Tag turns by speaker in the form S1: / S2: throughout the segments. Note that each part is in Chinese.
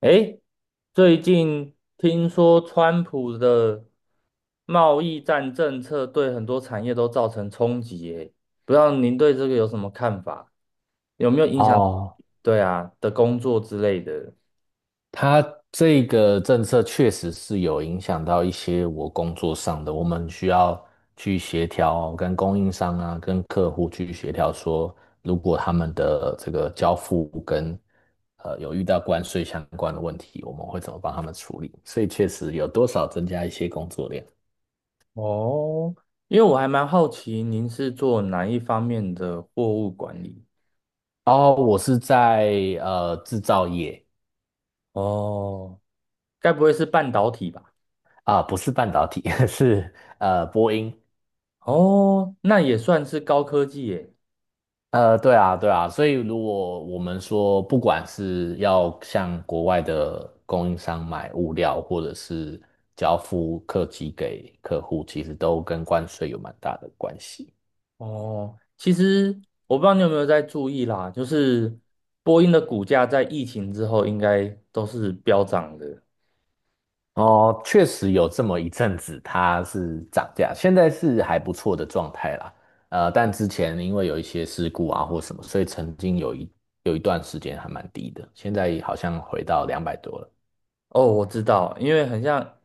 S1: 诶，最近听说川普的贸易战政策对很多产业都造成冲击耶，不知道您对这个有什么看法？有没有影响？
S2: 哦，
S1: 对啊，的工作之类的。
S2: 它这个政策确实是有影响到一些我工作上的，我们需要去协调，跟供应商啊，跟客户去协调说，如果他们的这个交付跟有遇到关税相关的问题，我们会怎么帮他们处理？所以确实有多少增加一些工作量。
S1: 哦，因为我还蛮好奇您是做哪一方面的货物管理？
S2: 哦，我是在制造业
S1: 哦，该不会是半导体吧？
S2: 啊，不是半导体，是波音。
S1: 哦，那也算是高科技耶。
S2: 对啊，对啊，所以如果我们说，不管是要向国外的供应商买物料，或者是交付客机给客户，其实都跟关税有蛮大的关系。
S1: 哦，其实我不知道你有没有在注意啦，就是波音的股价在疫情之后应该都是飙涨的。
S2: 哦，确实有这么一阵子，它是涨价，现在是还不错的状态啦。但之前因为有一些事故啊或什么，所以曾经有有一段时间还蛮低的，现在好像回到两百多了。
S1: 哦，我知道，因为很像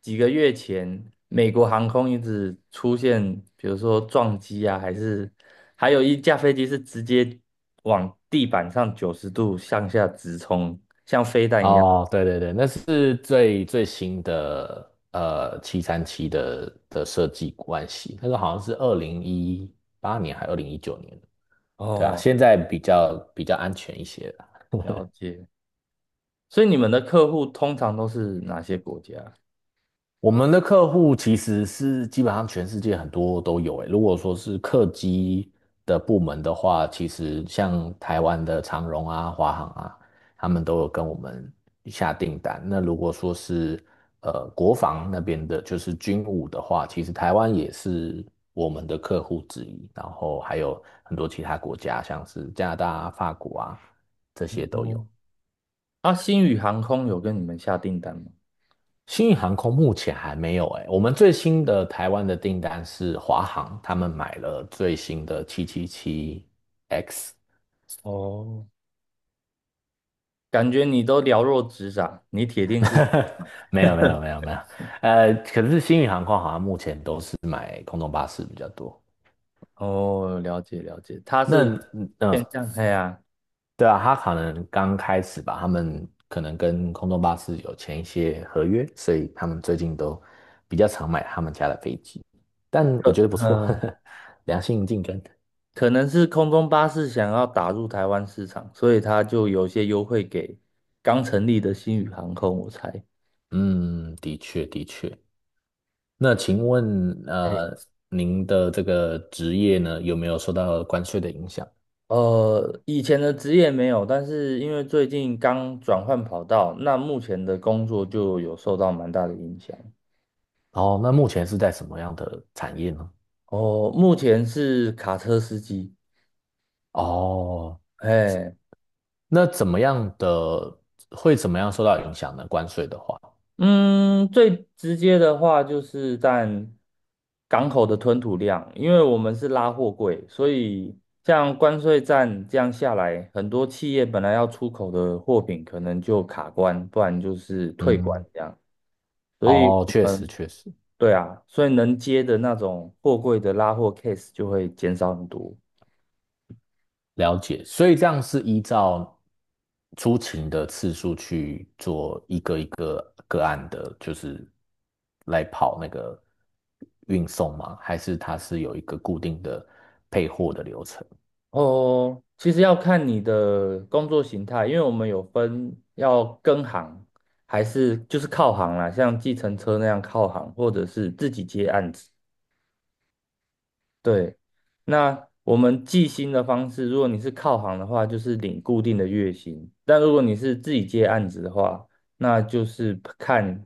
S1: 几个月前，美国航空一直出现，比如说撞击啊，还是还有一架飞机是直接往地板上90度向下直冲，像飞弹一样。
S2: 哦，对对对，那是最最新的737的设计关系，那个好像是2018年还2019年，对啊，
S1: 哦，
S2: 现在比较安全一些。
S1: 了解。所以你们的客户通常都是哪些国家？
S2: 我们的客户其实是基本上全世界很多都有诶。如果说是客机的部门的话，其实像台湾的长荣啊、华航啊，他们都有跟我们下订单。那如果说是国防那边的，就是军武的话，其实台湾也是我们的客户之一。然后还有很多其他国家，像是加拿大啊、法国啊，这些都
S1: 哦
S2: 有。
S1: 啊，星宇航空有跟你们下订单吗？
S2: 新宇航空目前还没有哎、我们最新的台湾的订单是华航，他们买了最新的777 x。
S1: 哦，感觉你都了若指掌，你铁定是
S2: 没有没有没有没有，可是新宇航空好像目前都是买空中巴士比较多。
S1: 哦，了解了解，他
S2: 那
S1: 是
S2: 嗯、
S1: 偏向哎呀，
S2: 对啊，他可能刚开始吧，他们可能跟空中巴士有签一些合约，所以他们最近都比较常买他们家的飞机，但
S1: 可
S2: 我觉得不错，
S1: 嗯，
S2: 良性竞争。
S1: 可能是空中巴士想要打入台湾市场，所以他就有些优惠给刚成立的星宇航空，我猜。
S2: 嗯，的确的确。那请问，
S1: 哎，
S2: 您的这个职业呢，有没有受到关税的影响？
S1: 以前的职业没有，但是因为最近刚转换跑道，那目前的工作就有受到蛮大的影响。
S2: 哦，那目前是在什么样的产业呢？
S1: 哦，目前是卡车司机。
S2: 哦，
S1: 哎，
S2: 那怎么样的，会怎么样受到影响呢？关税的话，
S1: 嗯，最直接的话就是占港口的吞吐量，因为我们是拉货柜，所以像关税战这样下来，很多企业本来要出口的货品可能就卡关，不然就是退关
S2: 嗯，
S1: 这样。所以
S2: 哦，
S1: 我
S2: 确
S1: 们，
S2: 实确实。
S1: 对啊，所以能接的那种货柜的拉货 case 就会减少很多。
S2: 了解，所以这样是依照出勤的次数去做一个个案的，就是来跑那个运送吗？还是它是有一个固定的配货的流程？
S1: 哦，其实要看你的工作形态，因为我们有分要跟行，还是就是靠行啦，像计程车那样靠行，或者是自己接案子。对，那我们计薪的方式，如果你是靠行的话，就是领固定的月薪；但如果你是自己接案子的话，那就是看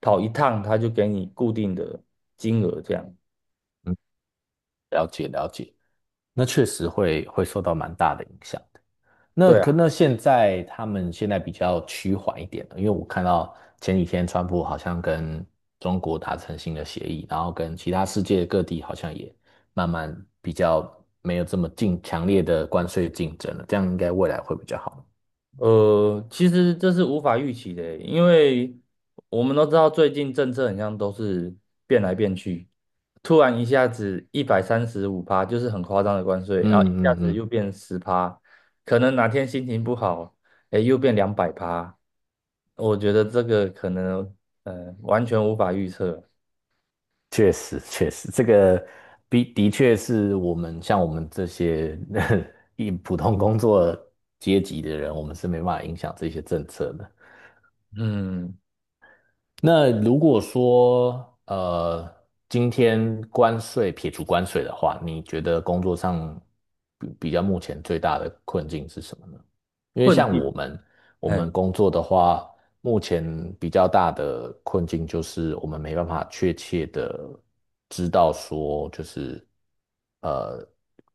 S1: 跑一趟，他就给你固定的金额这样。
S2: 嗯，了解了解，那确实会受到蛮大的影响。那
S1: 对啊。
S2: 现在他们现在比较趋缓一点了，因为我看到前几天川普好像跟中国达成新的协议，然后跟其他世界各地好像也慢慢比较没有这么竞强烈的关税竞争了，这样应该未来会比较好。
S1: 其实这是无法预期的欸，因为我们都知道最近政策很像都是变来变去，突然一下子135趴，就是很夸张的关税，
S2: 嗯
S1: 然后一下
S2: 嗯
S1: 子
S2: 嗯，
S1: 又变10趴，可能哪天心情不好，哎，又变200趴，我觉得这个可能完全无法预测，
S2: 确实确实，这个的确是像我们这些 一普通工作阶级的人，我们是没办法影响这些政策的。
S1: 嗯，
S2: 那如果说今天撇除关税的话，你觉得工作上比较目前最大的困境是什么呢？因为
S1: 困
S2: 像
S1: 境，
S2: 我们，我们
S1: 哎。
S2: 工作的话，目前比较大的困境就是我们没办法确切的知道说，就是呃，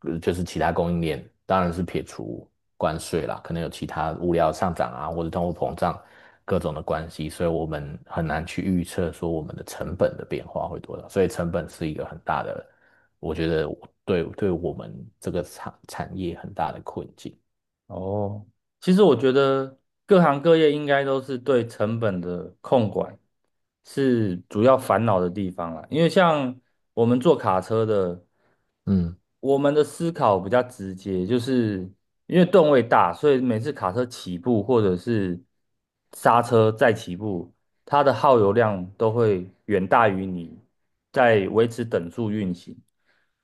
S2: 就是其他供应链，当然是撇除关税啦，可能有其他物料上涨啊，或者通货膨胀各种的关系，所以我们很难去预测说我们的成本的变化会多少，所以成本是一个很大的，我觉得对我们这个产业很大的困境。
S1: 哦，其实我觉得各行各业应该都是对成本的控管是主要烦恼的地方啦。因为像我们做卡车的，
S2: 嗯。
S1: 我们的思考比较直接，就是因为吨位大，所以每次卡车起步或者是刹车再起步，它的耗油量都会远大于你在维持等速运行。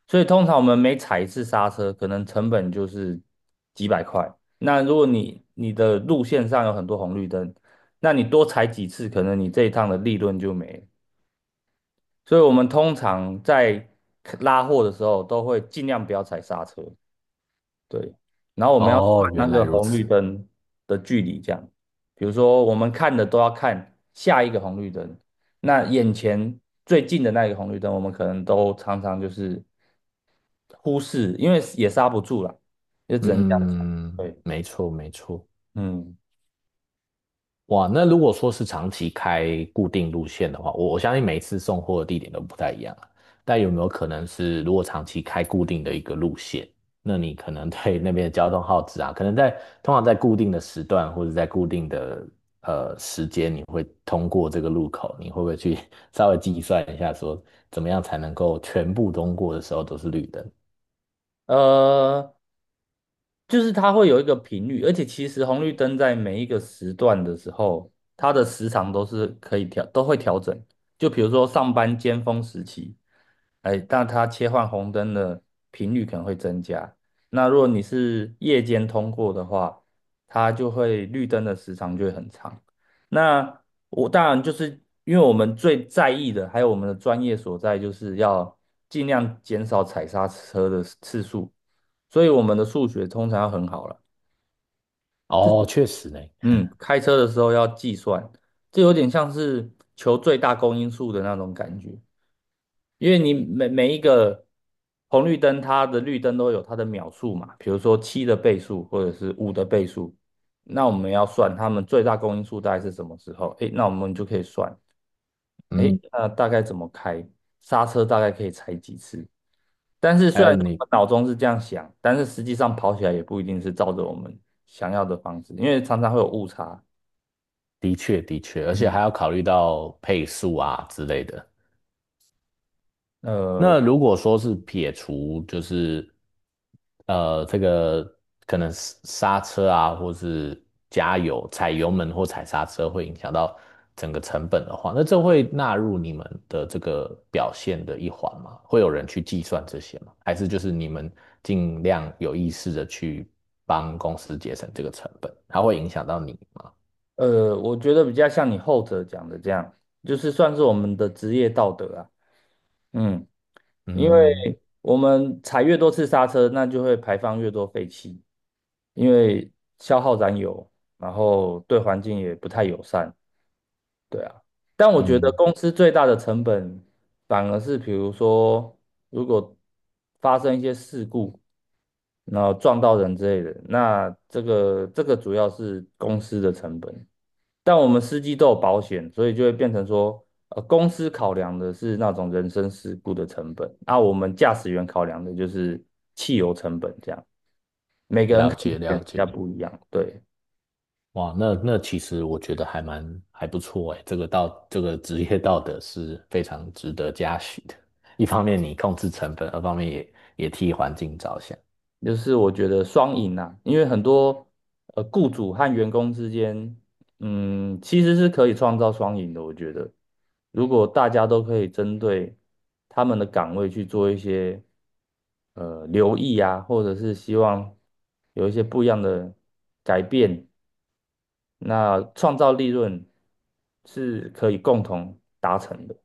S1: 所以通常我们每踩一次刹车，可能成本就是几百块。那如果你的路线上有很多红绿灯，那你多踩几次，可能你这一趟的利润就没了。所以我们通常在拉货的时候，都会尽量不要踩刹车。对，然后我们要算
S2: 哦，
S1: 那
S2: 原来
S1: 个
S2: 如
S1: 红绿
S2: 此。
S1: 灯的距离，这样，比如说我们看的都要看下一个红绿灯，那眼前最近的那一个红绿灯，我们可能都常常就是忽视，因为也刹不住啦，就只能这样讲。
S2: 嗯，
S1: 对，
S2: 没错，没错。
S1: 嗯，
S2: 哇，那如果说是长期开固定路线的话，我相信每一次送货的地点都不太一样啊。但有没有可能是，如果长期开固定的一个路线，那你可能对那边的交通耗资啊，可能在通常在固定的时段或者在固定的时间，你会通过这个路口，你会不会去 稍微计算一下，说怎么样才能够全部通过的时候都是绿灯？
S1: 呃，就是它会有一个频率，而且其实红绿灯在每一个时段的时候，它的时长都是可以调，都会调整。就比如说上班尖峰时期，哎，那它切换红灯的频率可能会增加。那如果你是夜间通过的话，它就会绿灯的时长就会很长。那我当然就是因为我们最在意的，还有我们的专业所在，就是要尽量减少踩刹车的次数。所以我们的数学通常要很好了。
S2: 哦，确实呢。
S1: 嗯，开车的时候要计算，这有点像是求最大公因数的那种感觉，因为你每一个红绿灯，它的绿灯都有它的秒数嘛，比如说七的倍数或者是五的倍数，那我们要算它们最大公因数大概是什么时候？诶，那我们就可以算，诶，
S2: 嗯，
S1: 那大概怎么开，刹车大概可以踩几次，但是
S2: 还
S1: 虽然
S2: 有
S1: 说我
S2: 你
S1: 们脑中是这样想，但是实际上跑起来也不一定是照着我们想要的方式，因为常常会有误差。
S2: 的确，的确，而且还
S1: 嗯
S2: 要考虑到配速啊之类的。
S1: 呃
S2: 那如果说是撇除，就是这个可能是刹车啊，或是加油、踩油门或踩刹车会影响到整个成本的话，那这会纳入你们的这个表现的一环吗？会有人去计算这些吗？还是就是你们尽量有意识的去帮公司节省这个成本，它会影响到你吗？
S1: 我觉得比较像你后者讲的这样，就是算是我们的职业道德啊。嗯，因
S2: 嗯
S1: 为我们踩越多次刹车，那就会排放越多废气，因为消耗燃油，然后对环境也不太友善。对啊，但我觉得
S2: 嗯，
S1: 公司最大的成本反而是，比如说，如果发生一些事故，然后撞到人之类的，那这个主要是公司的成本。但我们司机都有保险，所以就会变成说，公司考量的是那种人身事故的成本，那我们驾驶员考量的就是汽油成本，这样每个人
S2: 了
S1: 看的
S2: 解
S1: 点
S2: 了
S1: 比较
S2: 解。
S1: 不一样，对。
S2: 哇，那那其实我觉得还蛮还不错诶，这个这个职业道德是非常值得嘉许的。一方面你控制成本，二方面也替环境着想，
S1: 就是我觉得双赢啊，因为很多雇主和员工之间，嗯，其实是可以创造双赢的。我觉得，如果大家都可以针对他们的岗位去做一些留意啊，或者是希望有一些不一样的改变，那创造利润是可以共同达成的。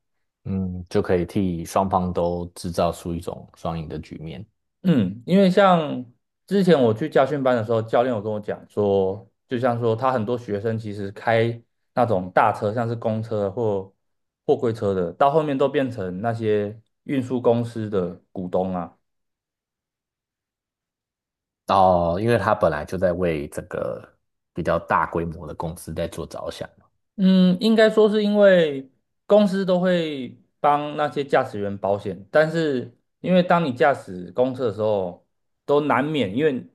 S2: 嗯，就可以替双方都制造出一种双赢的局面。
S1: 嗯，因为像之前我去家训班的时候，教练有跟我讲说，就像说他很多学生其实开那种大车，像是公车或货柜车的，到后面都变成那些运输公司的股东啊。
S2: 哦，因为他本来就在为这个比较大规模的公司在做着想嘛。
S1: 嗯，应该说是因为公司都会帮那些驾驶员保险，但是因为当你驾驶公车的时候，都难免因为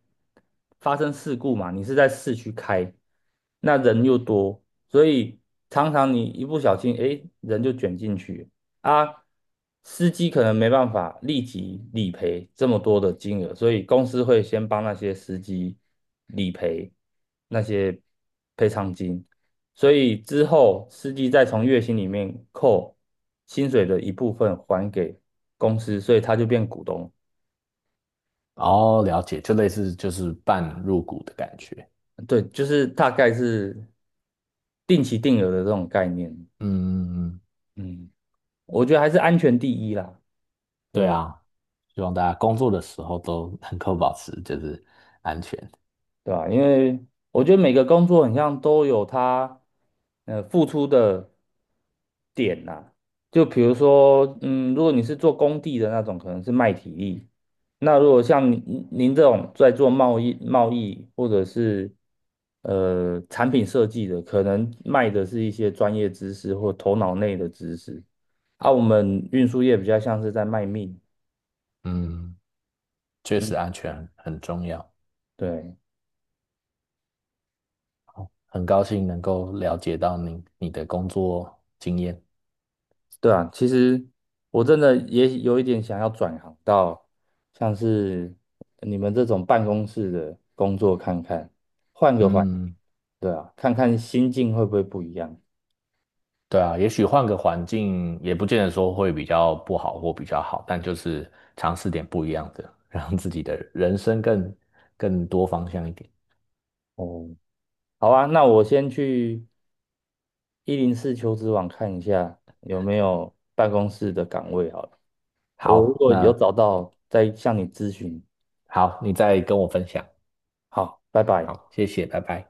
S1: 发生事故嘛，你是在市区开，那人又多，所以常常你一不小心，诶，人就卷进去啊。司机可能没办法立即理赔这么多的金额，所以公司会先帮那些司机理赔那些赔偿金。所以之后司机再从月薪里面扣薪水的一部分还给公司，所以他就变股东。
S2: 哦，了解，就类似就是半入股的感觉。
S1: 对，就是大概是定期定额的这种概念。
S2: 嗯，嗯嗯，
S1: 嗯，我觉得还是安全第一啦。
S2: 对
S1: 对啊
S2: 啊，希望大家工作的时候都能够保持就是安全。
S1: 对吧？因为我觉得每个工作很像都有它付出的点呐、就比如说，嗯，如果你是做工地的那种，可能是卖体力；那如果像您这种在做贸易或者是产品设计的，可能卖的是一些专业知识或头脑内的知识。啊，我们运输业比较像是在卖命，
S2: 嗯，确实安全很重要，
S1: 对。
S2: 很高兴能够了解到你的工作经验。
S1: 对啊，其实我真的也有一点想要转行到像是你们这种办公室的工作看看，换个环境，
S2: 嗯，
S1: 对啊，看看心境会不会不一样。
S2: 对啊，也许换个环境也不见得说会比较不好或比较好，但就是尝试点不一样的，让自己的人生更多方向一点。
S1: 哦，好啊，那我先去104求职网看一下有没有办公室的岗位好了，我如
S2: 好，
S1: 果有
S2: 那
S1: 找到再向你咨询。
S2: 好，你再跟我分享。
S1: 好，拜拜。
S2: 好，谢谢，拜拜。